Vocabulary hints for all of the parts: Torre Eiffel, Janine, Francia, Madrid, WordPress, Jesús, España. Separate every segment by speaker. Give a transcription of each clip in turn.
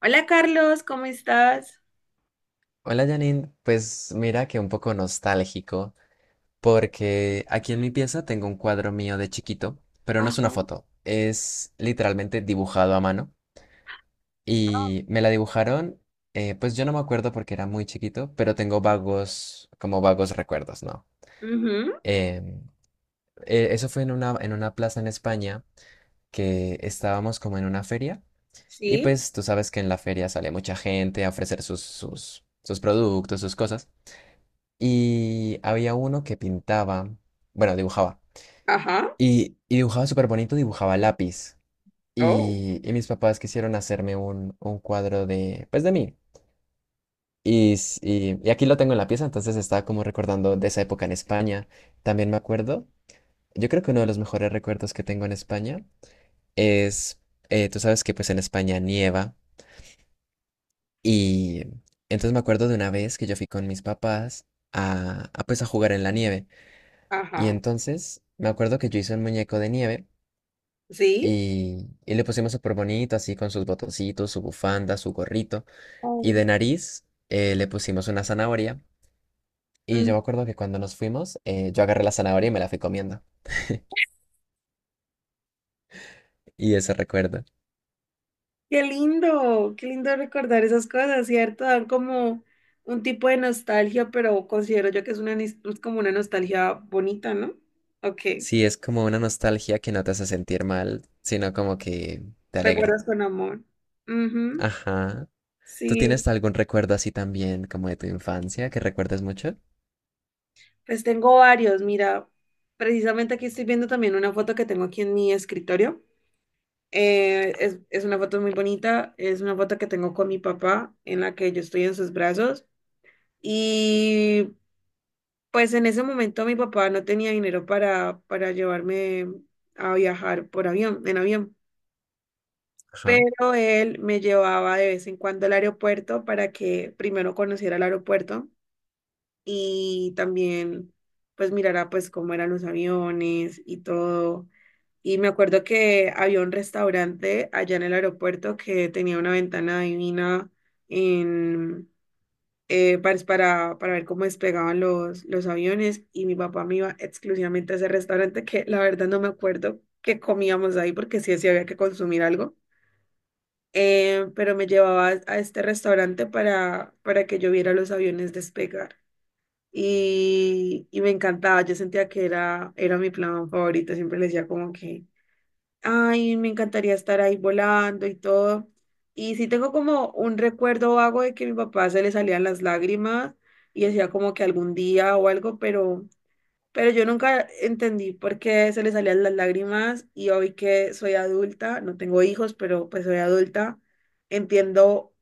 Speaker 1: Hola Carlos, ¿cómo estás?
Speaker 2: Hola Janine, pues mira que un poco nostálgico, porque aquí en mi pieza tengo un cuadro mío de chiquito, pero no es una
Speaker 1: Ajá.
Speaker 2: foto, es literalmente dibujado a mano y me la dibujaron, pues yo no me acuerdo porque era muy chiquito, pero tengo vagos, como vagos recuerdos, ¿no?
Speaker 1: Ujú.
Speaker 2: Em, eso fue en una plaza en España que estábamos como en una feria y
Speaker 1: Sí.
Speaker 2: pues tú sabes que en la feria sale mucha gente a ofrecer sus, sus, sus productos, sus cosas. Y había uno que pintaba, bueno, dibujaba.
Speaker 1: Ajá.
Speaker 2: Y dibujaba súper bonito, dibujaba a lápiz.
Speaker 1: Oh.
Speaker 2: Y mis papás quisieron hacerme un cuadro de, pues de mí. Y aquí lo tengo en la pieza, entonces estaba como recordando de esa época en España. También me acuerdo, yo creo que uno de los mejores recuerdos que tengo en España es, tú sabes que pues en España nieva. Y entonces me acuerdo de una vez que yo fui con mis papás a pues a jugar en la nieve. Y
Speaker 1: Ajá.
Speaker 2: entonces me acuerdo que yo hice un muñeco de nieve
Speaker 1: Sí.
Speaker 2: y le pusimos súper bonito, así con sus botoncitos, su bufanda, su gorrito. Y
Speaker 1: Oh.
Speaker 2: de nariz le pusimos una zanahoria. Y
Speaker 1: Mm.
Speaker 2: yo me acuerdo que cuando nos fuimos, yo agarré la zanahoria y me la fui comiendo. Y ese recuerdo.
Speaker 1: Qué lindo recordar esas cosas, ¿cierto? Dan como un tipo de nostalgia, pero considero yo que es una es como una nostalgia bonita, ¿no? Ok.
Speaker 2: Sí, es como una nostalgia que no te hace sentir mal, sino como que te alegra.
Speaker 1: Recuerdas con amor. Ujú.
Speaker 2: Ajá. ¿Tú tienes
Speaker 1: Sí.
Speaker 2: algún recuerdo así también, como de tu infancia, que recuerdes mucho?
Speaker 1: Pues tengo varios. Mira, precisamente aquí estoy viendo también una foto que tengo aquí en mi escritorio. Es una foto muy bonita, es una foto que tengo con mi papá en la que yo estoy en sus brazos y pues en ese momento mi papá no tenía dinero para llevarme a viajar por avión, en avión,
Speaker 2: Ajá.
Speaker 1: pero él me llevaba de vez en cuando al aeropuerto para que primero conociera el aeropuerto y también pues mirara pues cómo eran los aviones y todo. Y me acuerdo que había un restaurante allá en el aeropuerto que tenía una ventana divina en, para ver cómo despegaban los aviones, y mi papá me iba exclusivamente a ese restaurante que la verdad no me acuerdo qué comíamos ahí porque sí, sí había que consumir algo. Pero me llevaba a este restaurante para que yo viera los aviones despegar. Y me encantaba, yo sentía que era mi plan favorito, siempre le decía como que... Ay, me encantaría estar ahí volando y todo. Y sí tengo como un recuerdo vago de que a mi papá se le salían las lágrimas y decía como que algún día o algo, pero yo nunca entendí por qué se le salían las lágrimas, y hoy que soy adulta, no tengo hijos, pero pues soy adulta, entiendo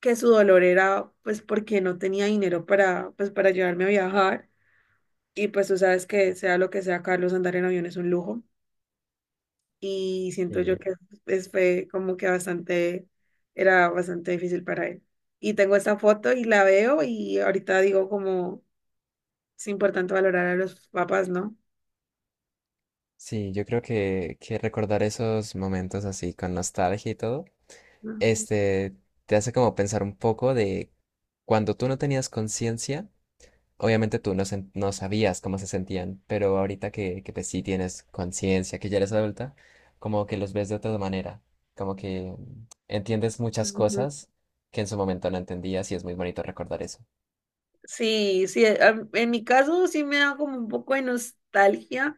Speaker 1: que su dolor era pues porque no tenía dinero para pues para llevarme a viajar. Y pues tú sabes que sea lo que sea, Carlos, andar en avión es un lujo, y siento yo
Speaker 2: Sí.
Speaker 1: que fue como que bastante, era bastante difícil para él. Y tengo esta foto y la veo y ahorita digo como es importante valorar a los papás, ¿no?
Speaker 2: Sí, yo creo que recordar esos momentos así con nostalgia y todo,
Speaker 1: Ujú.
Speaker 2: este, te hace como pensar un poco de cuando tú no tenías conciencia, obviamente tú no, sen- no sabías cómo se sentían, pero ahorita que pues sí tienes conciencia, que ya eres adulta, como que los ves de otra manera, como que entiendes muchas
Speaker 1: Ujú.
Speaker 2: cosas que en su momento no entendías y es muy bonito recordar eso.
Speaker 1: Sí, sí, en mi caso sí me da como un poco de nostalgia,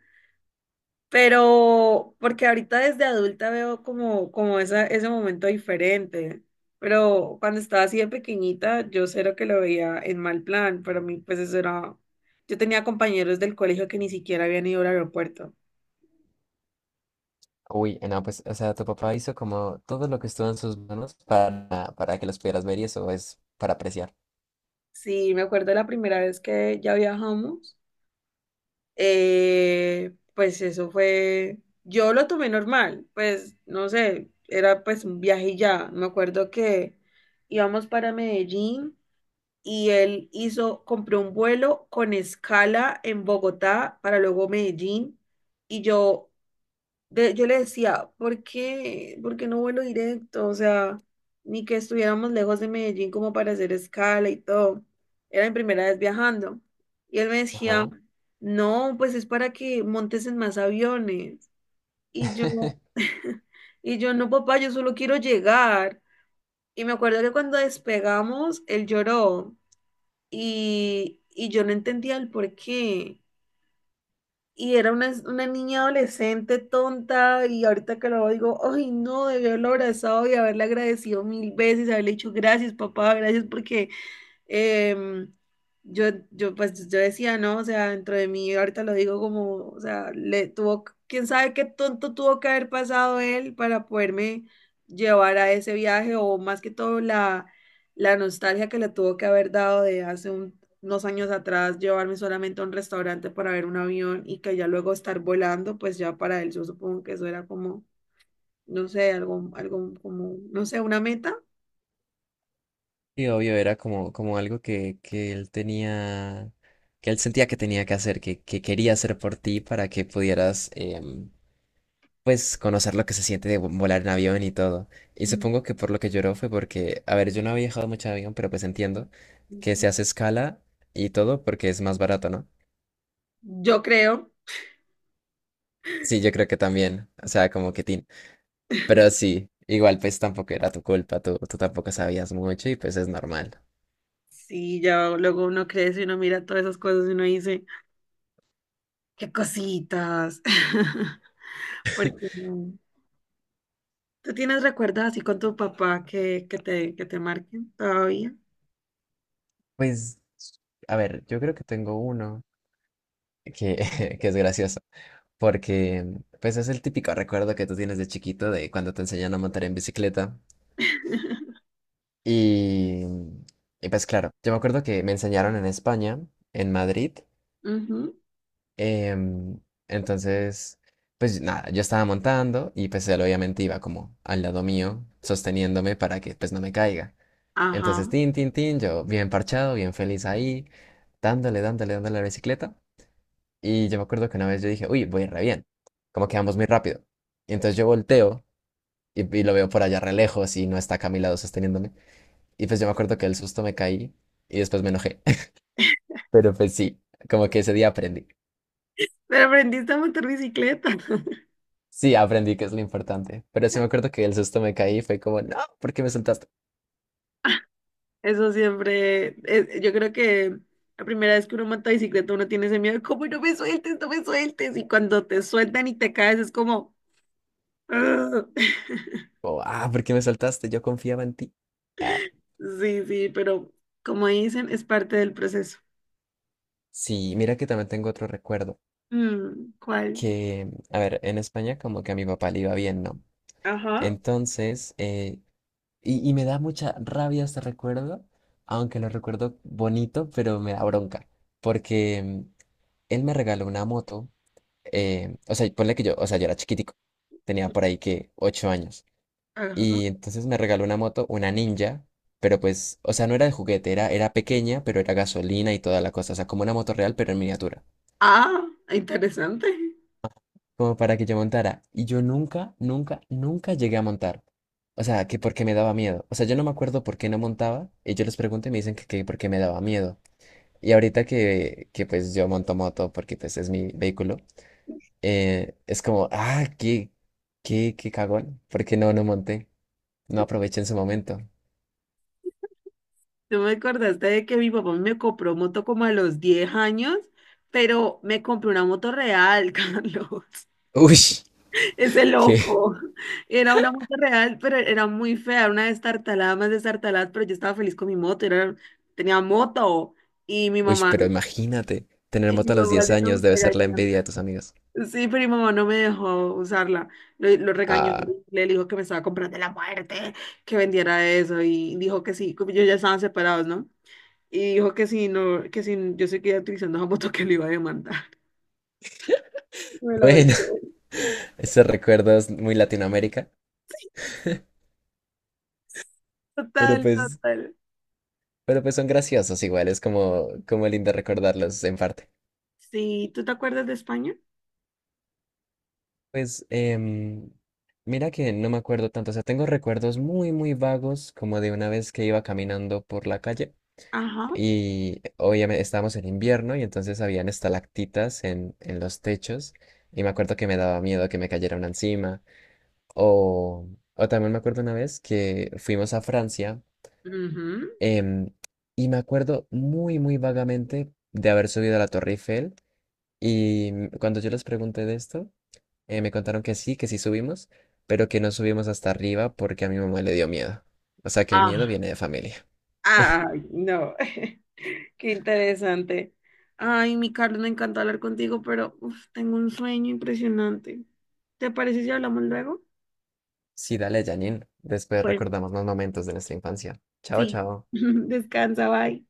Speaker 1: pero, porque ahorita desde adulta veo como, como ese momento diferente. Pero cuando estaba así de pequeñita, yo cero que lo veía en mal plan. Para mí, pues eso era. Yo tenía compañeros del colegio que ni siquiera habían ido al aeropuerto.
Speaker 2: Uy, no, pues, o sea, tu papá hizo como todo lo que estuvo en sus manos para que los pudieras ver y eso es para apreciar.
Speaker 1: Sí, me acuerdo la primera vez que ya viajamos. eh, pues eso fue, yo lo tomé normal, pues no sé, era pues un viaje y ya. Me acuerdo que íbamos para Medellín y él hizo, compró un vuelo con escala en Bogotá para luego Medellín. Y yo yo le decía, por qué no vuelo directo? O sea, ni que estuviéramos lejos de Medellín como para hacer escala y todo. Era mi primera vez viajando. Y él me decía,
Speaker 2: Ajá.
Speaker 1: no, pues es para que montes en más aviones. Y yo, y yo, no, papá, yo solo quiero llegar. Y me acuerdo que cuando despegamos, él lloró, y yo no entendía el por qué. Y era una niña adolescente tonta, y ahorita que lo digo, ay no, debí haberlo abrazado y haberle agradecido mil veces, haberle dicho gracias papá, gracias porque eh, yo, yo decía, no, o sea, dentro de mí, ahorita lo digo como, o sea, le tuvo, quién sabe qué tonto tuvo que haber pasado él para poderme llevar a ese viaje, o más que todo la nostalgia que le tuvo que haber dado de hace unos años atrás, llevarme solamente a un restaurante para ver un avión, y que ya luego estar volando, pues ya para él, yo supongo que eso era como, no sé, algo como, no sé, una meta.
Speaker 2: Y obvio era como, como algo que él tenía, que él sentía que tenía que hacer, que quería hacer por ti para que pudieras, pues, conocer lo que se siente de vo- volar en avión y todo. Y
Speaker 1: Mm.
Speaker 2: supongo que por lo que lloró fue porque, a ver, yo no había viajado mucho en avión, pero pues entiendo que se hace escala y todo porque es más barato, ¿no?
Speaker 1: Yo creo.
Speaker 2: Sí, yo creo que también, o sea, como que tin. Pero sí, igual pues tampoco era tu culpa, tú tampoco sabías mucho y pues es normal.
Speaker 1: Sí, ya luego uno crece y uno mira todas esas cosas y uno dice, qué cositas. Porque no. ¿Tú tienes recuerdos así con tu papá que, que te marquen todavía?
Speaker 2: Pues, a ver, yo creo que tengo uno que, que es gracioso, porque pues es el típico recuerdo que tú tienes de chiquito de cuando te enseñan a montar en bicicleta. Y, mm, y, pues claro, yo me acuerdo que me enseñaron en España, en Madrid.
Speaker 1: Ujú.
Speaker 2: em, entonces, pues nada, yo estaba montando y pues él obviamente iba como al lado mío, sosteniéndome para que pues no me caiga. Entonces,
Speaker 1: Ajá.
Speaker 2: tin, tin, tin, yo bien parchado, bien feliz ahí, dándole, dándole, dándole a la bicicleta. Y yo me acuerdo que una vez yo dije, uy, voy re bien, como que vamos muy rápido. Y entonces yo volteo y lo veo por allá re lejos y no está acá a mi lado sosteniéndome. Y pues yo me acuerdo que el susto me caí y después me enojé. Pero pues sí, como que ese día aprendí.
Speaker 1: Pero aprendiste a montar bicicleta.
Speaker 2: Sí, aprendí que es lo importante. Pero sí me acuerdo que el susto me caí y fue como, no, ¿por qué me soltaste?
Speaker 1: Eso siempre, yo creo que la primera vez que uno monta bicicleta uno tiene ese miedo, como no me sueltes, no me sueltes. Y cuando te sueltan y te caes es como... "Ugh".
Speaker 2: O, ah, ¿por qué me soltaste? Yo confiaba en ti. Ah,
Speaker 1: Sí, sí, pero como dicen, es parte del proceso.
Speaker 2: sí, mira que también tengo otro recuerdo.
Speaker 1: Mm, ¿cuál?
Speaker 2: Que, a ver, en España como que a mi papá le iba bien, ¿no?
Speaker 1: Ajá.
Speaker 2: Entonces, y me da mucha rabia este recuerdo, aunque lo recuerdo bonito, pero me da bronca, porque él me regaló una moto, o sea, ponle que yo, o sea, yo era chiquitico, tenía por ahí que 8 años,
Speaker 1: Ajá.
Speaker 2: y entonces me regaló una moto, una ninja, pero pues, o sea, no era de juguete, era, era pequeña, pero era gasolina y toda la cosa, o sea, como una moto real, pero en miniatura.
Speaker 1: Ah, interesante.
Speaker 2: Como para que yo montara. Y yo nunca, nunca, nunca llegué a montar. O sea, que porque me daba miedo. O sea, yo no me acuerdo por qué no montaba. Y yo les pregunto y me dicen que porque me daba miedo. Y ahorita que pues yo monto moto porque pues es mi vehículo, es como, ah, qué, qué, qué cagón. Porque no, no monté. No aproveché en su momento.
Speaker 1: Tú me acordaste de que mi papá me compró moto como a los 10 años, pero me compró una moto real, Carlos.
Speaker 2: Uy,
Speaker 1: Ese
Speaker 2: qué.
Speaker 1: loco. Era una moto real, pero era muy fea, era una destartalada más destartalada, pero yo estaba feliz con mi moto, era, tenía moto. Y mi
Speaker 2: Uy,
Speaker 1: mamá,
Speaker 2: pero imagínate, tener
Speaker 1: y mi
Speaker 2: moto a los
Speaker 1: mamá
Speaker 2: 10
Speaker 1: le hizo
Speaker 2: años debe ser la
Speaker 1: regañar.
Speaker 2: envidia de tus amigos.
Speaker 1: Sí, primo, no me dejó usarla. Lo regañó,
Speaker 2: Ah,
Speaker 1: terrible, le dijo que me estaba comprando la muerte, que vendiera eso, y dijo que sí, como ellos ya estaban separados, ¿no? Y dijo que sí, no, que si yo seguía utilizando esa moto que le iba a demandar. Me la
Speaker 2: bueno,
Speaker 1: vendió.
Speaker 2: esos recuerdos muy Latinoamérica. Pero
Speaker 1: Total,
Speaker 2: pues
Speaker 1: total.
Speaker 2: Pero pues son graciosos igual, es como, como lindo recordarlos en parte.
Speaker 1: Sí, ¿tú te acuerdas de España?
Speaker 2: Pues mira que no me acuerdo tanto, o sea, tengo recuerdos muy, muy vagos como de una vez que iba caminando por la calle
Speaker 1: Ajá.
Speaker 2: y obviamente estábamos en invierno y entonces habían estalactitas en los techos y me acuerdo que me daba miedo que me cayera una encima o, o también me acuerdo una vez que fuimos a Francia
Speaker 1: Ujú.
Speaker 2: em, y me acuerdo muy, muy vagamente de haber subido a la Torre Eiffel. Y cuando yo les pregunté de esto, me contaron que sí subimos, pero que no subimos hasta arriba porque a mi mamá le dio miedo. O sea que el miedo
Speaker 1: Ah,
Speaker 2: viene de familia.
Speaker 1: ay, no. Qué interesante. Ay, mi Carlos, me encanta hablar contigo, pero uf, tengo un sueño impresionante. ¿Te parece si hablamos luego?
Speaker 2: Sí, dale, Janine. Después
Speaker 1: Bueno.
Speaker 2: recordamos más momentos de nuestra infancia.
Speaker 1: Sí,
Speaker 2: Chao, chao.
Speaker 1: descansa, bye.